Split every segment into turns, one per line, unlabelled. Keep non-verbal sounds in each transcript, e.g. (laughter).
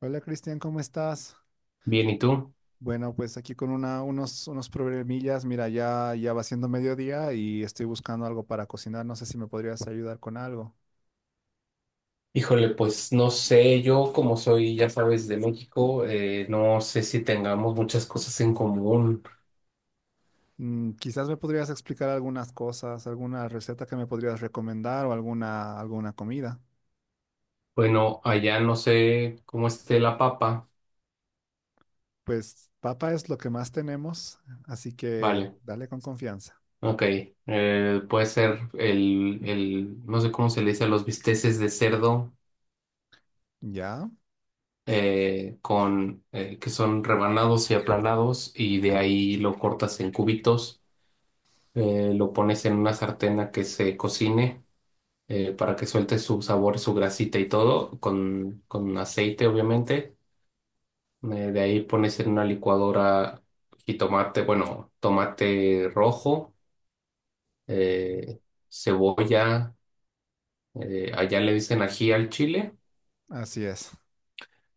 Hola Cristian, ¿cómo estás?
Bien, ¿y tú?
Bueno, pues aquí con unos problemillas. Mira, ya va siendo mediodía y estoy buscando algo para cocinar. No sé si me podrías ayudar con algo.
Híjole, pues no sé, yo como soy, ya sabes, de México, no sé si tengamos muchas cosas en común.
Mm, quizás me podrías explicar algunas cosas, alguna receta que me podrías recomendar o alguna comida.
Bueno, allá no sé cómo esté la papa.
Pues papa es lo que más tenemos, así que
Vale,
dale con confianza.
ok. Puede ser no sé cómo se le dice a los bisteces de cerdo,
¿Ya?
con, que son rebanados y aplanados, y de ahí lo cortas en cubitos, lo pones en una sartén a que se cocine. Para que suelte su sabor, su grasita y todo, con aceite, obviamente. De ahí pones en una licuadora jitomate, bueno, tomate rojo, eh, cebolla, allá le dicen ají al chile,
Así es.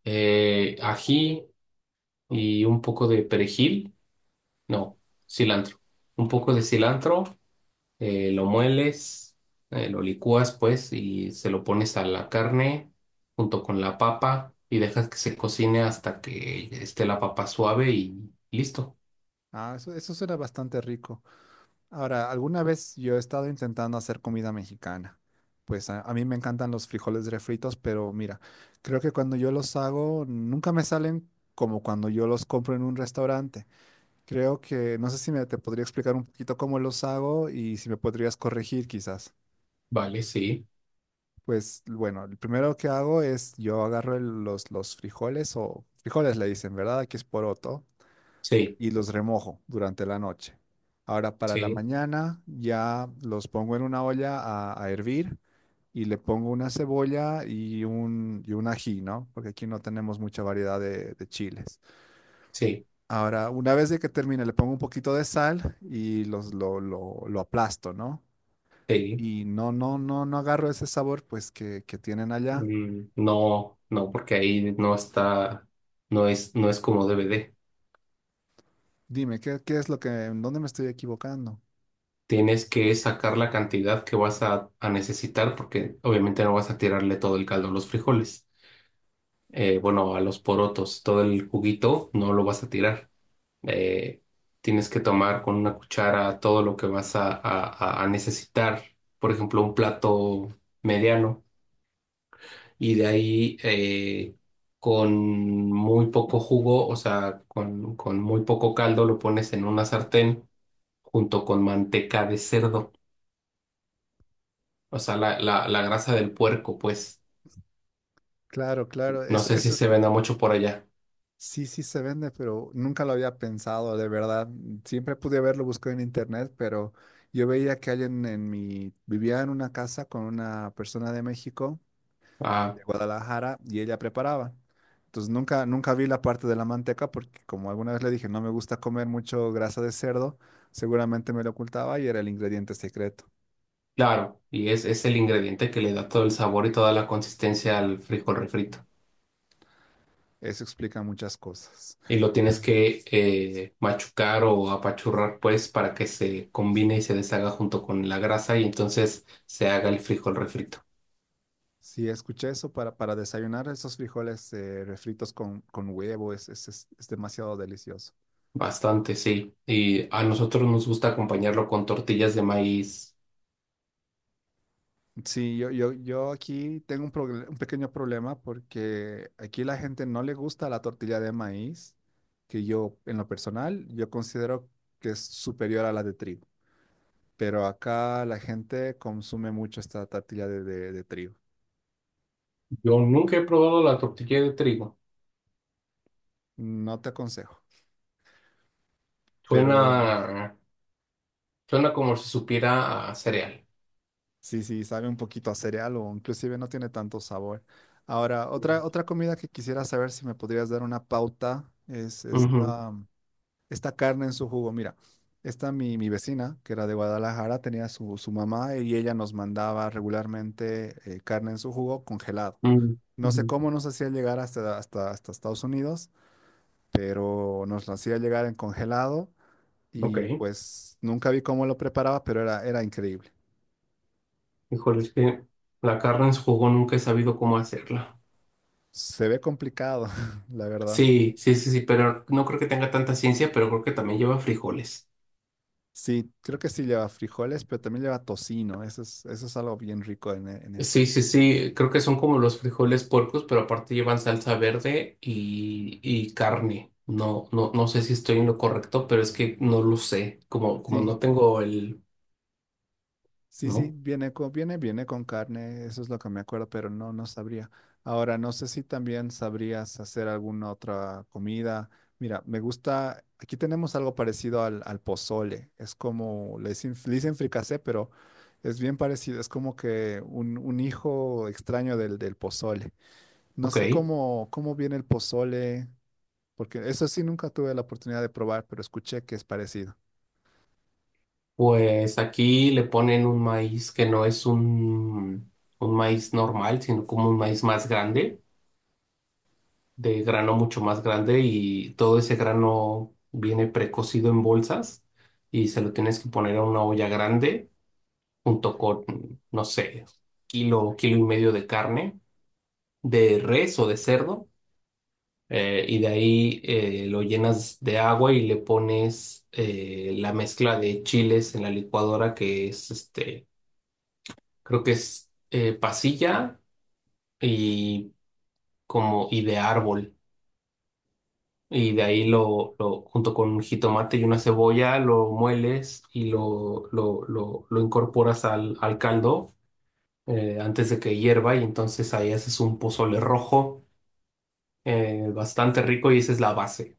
ají y un poco de perejil, no, cilantro, un poco de cilantro lo mueles, lo licúas pues y se lo pones a la carne junto con la papa y dejas que se cocine hasta que esté la papa suave y listo.
Ah, eso suena bastante rico. Ahora, alguna vez yo he estado intentando hacer comida mexicana. Pues a mí me encantan los frijoles refritos, pero mira, creo que cuando yo los hago nunca me salen como cuando yo los compro en un restaurante. Creo que, no sé si me te podría explicar un poquito cómo los hago y si me podrías corregir quizás.
Vale, sí,
Pues bueno, el primero que hago es yo agarro los frijoles o frijoles le dicen, ¿verdad? Aquí es poroto.
sí,
Y los remojo durante la noche. Ahora para la
sí,
mañana ya los pongo en una olla a hervir y le pongo una cebolla y y un ají, ¿no? Porque aquí no tenemos mucha variedad de chiles.
sí,
Ahora, una vez de que termine, le pongo un poquito de sal y lo aplasto, ¿no?
sí.
Y no, no, no, no agarro ese sabor pues que tienen allá.
Mm, no, no, porque ahí no está, no es como DVD.
Dime, ¿qué es lo que, en dónde me estoy equivocando?
Tienes que sacar la cantidad que vas a necesitar porque obviamente no vas a tirarle todo el caldo a los frijoles. Bueno, a los porotos, todo el juguito no lo vas a tirar. eh, Tienes que tomar con una cuchara todo lo que vas a, a necesitar, por ejemplo, un plato mediano, y de ahí con muy poco jugo, o sea, con muy poco caldo, lo pones en una sartén junto con manteca de cerdo, o sea, la grasa del puerco, pues,
Claro, claro,
no
eso,
sé si
eso.
se venda mucho por allá.
Sí, sí se vende, pero nunca lo había pensado, de verdad. Siempre pude haberlo buscado en internet, pero yo veía que alguien en mi... Vivía en una casa con una persona de México,
Ah,
de Guadalajara, y ella preparaba. Entonces nunca vi la parte de la manteca porque como alguna vez le dije, no me gusta comer mucho grasa de cerdo, seguramente me lo ocultaba y era el ingrediente secreto.
claro, y es el ingrediente que le da todo el sabor y toda la consistencia al frijol refrito.
Eso explica muchas cosas.
Y lo tienes que machucar o apachurrar, pues, para que se combine y se deshaga junto con la grasa y entonces se haga el frijol refrito.
Sí, escuché eso para desayunar esos frijoles refritos con huevo, es demasiado delicioso.
Bastante, sí. Y a nosotros nos gusta acompañarlo con tortillas de maíz.
Sí, yo aquí tengo un, un pequeño problema porque aquí la gente no le gusta la tortilla de maíz, que yo en lo personal yo considero que es superior a la de trigo, pero acá la gente consume mucho esta tortilla de trigo.
Yo nunca he probado la tortilla de trigo.
No te aconsejo, pero
Suena, suena como si supiera a cereal.
sí, sí, sabe un poquito a cereal o inclusive no tiene tanto sabor. Ahora,
Mm.
otra comida que quisiera saber si me podrías dar una pauta es
Ujú,
esta... esta carne en su jugo. Mira, esta mi vecina, que era de Guadalajara, tenía su mamá y ella nos mandaba regularmente carne en su jugo congelado.
mm,
No sé
ujú.
cómo nos hacía llegar hasta Estados Unidos, pero nos lo hacía llegar en congelado
Ok.
y pues nunca vi cómo lo preparaba, pero era increíble.
Híjole, es que la carne en su jugo nunca he sabido cómo hacerla.
Se ve complicado, (laughs) la verdad.
Sí, sí, sí, sí, pero no creo que tenga tanta ciencia, pero creo que también lleva frijoles.
Sí, creo que sí lleva frijoles, pero también lleva tocino. Eso es algo bien rico en, en
Sí,
eso.
sí, sí, creo que son como los frijoles puercos, pero aparte llevan salsa verde y carne. No, no, no sé si estoy en lo correcto, pero es que no lo sé. Como, como
Sí,
no tengo el,
sí, sí,
¿no?
viene con, viene con carne, eso es lo que me acuerdo, pero no, no sabría. Ahora, no sé si también sabrías hacer alguna otra comida. Mira, me gusta, aquí tenemos algo parecido al pozole, es como, le dicen fricasé, pero es bien parecido, es como que un hijo extraño del pozole. No sé
Ok.
cómo viene el pozole, porque eso sí nunca tuve la oportunidad de probar, pero escuché que es parecido.
Pues aquí le ponen un maíz que no es un maíz normal, sino como un maíz más grande. De grano mucho más grande y todo ese grano viene precocido en bolsas y se lo tienes que poner a una olla grande junto con, no sé, kilo y medio de carne, de res o de cerdo. Y de ahí lo llenas de agua y le pones la mezcla de chiles en la licuadora que es este, creo que es pasilla y como y de árbol. Y de ahí
Mm.
lo junto con un jitomate y una cebolla, lo mueles y lo incorporas al caldo antes de que hierva. Y entonces ahí haces un pozole rojo bastante rico y esa es la base,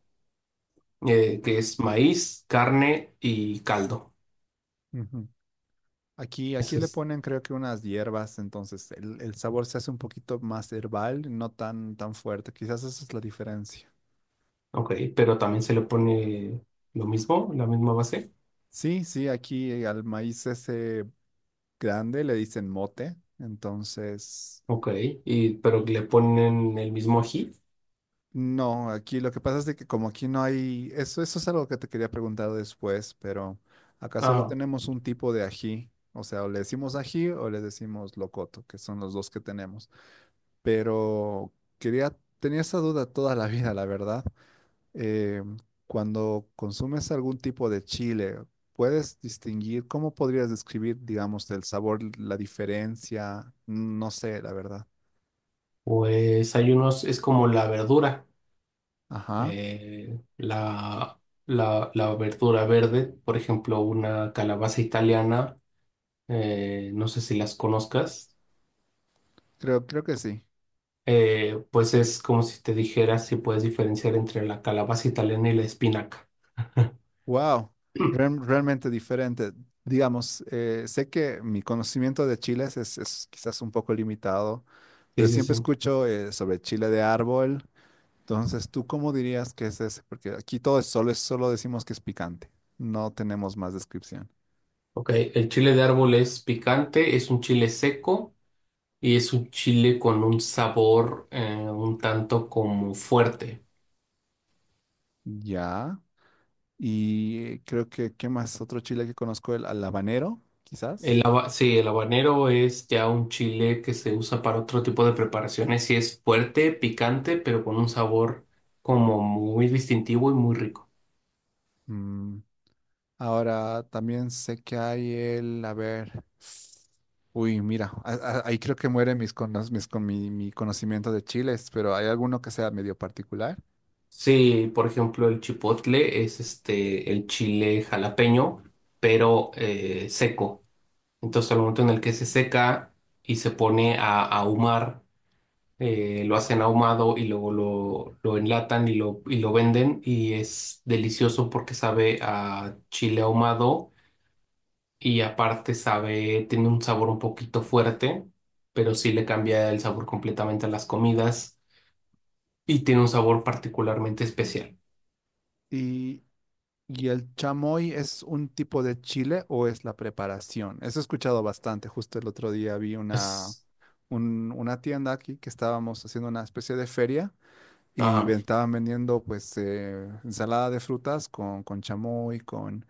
que es maíz, carne y caldo.
Ujú. Aquí, aquí
Eso
le
es,
ponen creo que unas hierbas, entonces el sabor se hace un poquito más herbal, no tan fuerte. Quizás esa es la diferencia.
ok, pero también se le pone lo mismo, la misma base.
Sí, sí, aquí al maíz ese grande le dicen mote, entonces
Ok, y, pero le ponen el mismo ají.
no, aquí lo que pasa es de que como aquí no hay, eso es algo que te quería preguntar después, pero acá solo
Ah,
tenemos un tipo de ají, o sea, o le decimos ají o le decimos locoto, que son los dos que tenemos, pero quería, tenía esa duda toda la vida, la verdad. eh, Cuando consumes algún tipo de chile, ¿puedes distinguir cómo podrías describir, digamos, el sabor, la diferencia? No sé, la verdad.
pues hay unos, es como la verdura.
Ajá,
La, la verdura verde, por ejemplo, una calabaza italiana, no sé si las conozcas,
creo que sí.
pues es como si te dijera si puedes diferenciar entre la calabaza italiana y la espinaca. (clears throat)
Wow, realmente diferente. Digamos, sé que mi conocimiento de chiles es quizás un poco limitado,
Sí,
pero
sí,
siempre
sí.
escucho sobre chile de árbol. Entonces, ¿tú cómo dirías que es ese? Porque aquí todo es solo decimos que es picante. No tenemos más descripción.
Ok, el chile de árbol es picante, es un chile seco y es un chile con un sabor un tanto como fuerte.
Ya. Y creo que, ¿qué más? Otro chile que conozco, el al habanero,
El
quizás.
haba- sí, el habanero es ya un chile que se usa para otro tipo de preparaciones y es fuerte, picante, pero con un sabor como muy distintivo y muy rico.
Mm. Ahora también sé que hay el, a ver, uy, mira, ahí creo que muere mis, cono- mis con mi, mi conocimiento de chiles, pero hay alguno que sea medio particular.
Sí, por ejemplo, el chipotle es este el chile jalapeño, pero seco. Entonces, al momento en el que se seca y se pone a ahumar, lo hacen ahumado y luego lo enlatan y lo venden y es delicioso porque sabe a chile ahumado y aparte sabe, tiene un sabor un poquito fuerte, pero sí le cambia el sabor completamente a las comidas y tiene un sabor particularmente especial.
Y, y el chamoy es un tipo de chile o es la preparación. Eso he escuchado bastante. Justo el otro día vi una,
Es,
una tienda aquí que estábamos haciendo una especie de feria. Y
ajá,
estaban vendiendo pues ensalada de frutas con chamoy,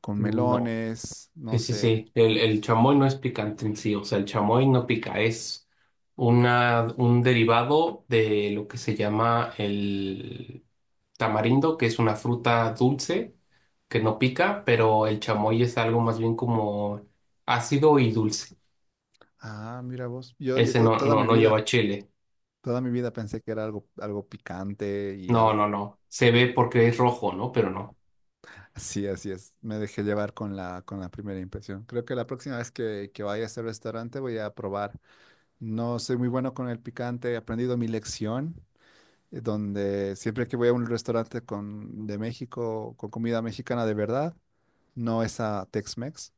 con
no,
melones, no
sí, sí,
sé.
sí, el chamoy no es picante en sí, o sea, el chamoy no pica, es una, un derivado de lo que se llama el tamarindo, que es una fruta dulce que no pica, pero el chamoy es algo más bien como ácido y dulce.
Ah, mira vos. Yo,
Ese no, no, no lleva chile.
toda mi vida pensé que era algo, algo picante y
No,
algo.
no,
(laughs)
no. Se ve porque es rojo, ¿no? Pero no.
Sí, así es. Me dejé llevar con la primera impresión. Creo que la próxima vez que vaya a ese restaurante voy a probar. No soy muy bueno con el picante, he aprendido mi lección, donde siempre que voy a un restaurante con, de México, con comida mexicana de verdad. No es a Tex-Mex.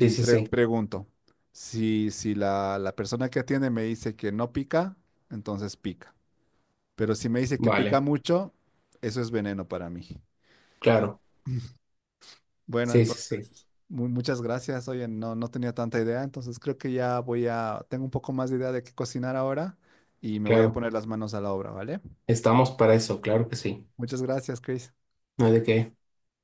Sí, sí, sí.
pregunto, si, la persona que atiende me dice que no pica, entonces pica. Pero si me dice que pica
Vale,
mucho, eso es veneno para mí.
claro.
Bueno,
Sí, sí, sí.
entonces, muchas gracias. Oye, no, no tenía tanta idea, entonces creo que ya voy a, tengo un poco más de idea de qué cocinar ahora y me voy a
Claro.
poner las manos a la obra, ¿vale?
Estamos para eso, claro que sí.
Muchas gracias, Chris.
No hay de qué.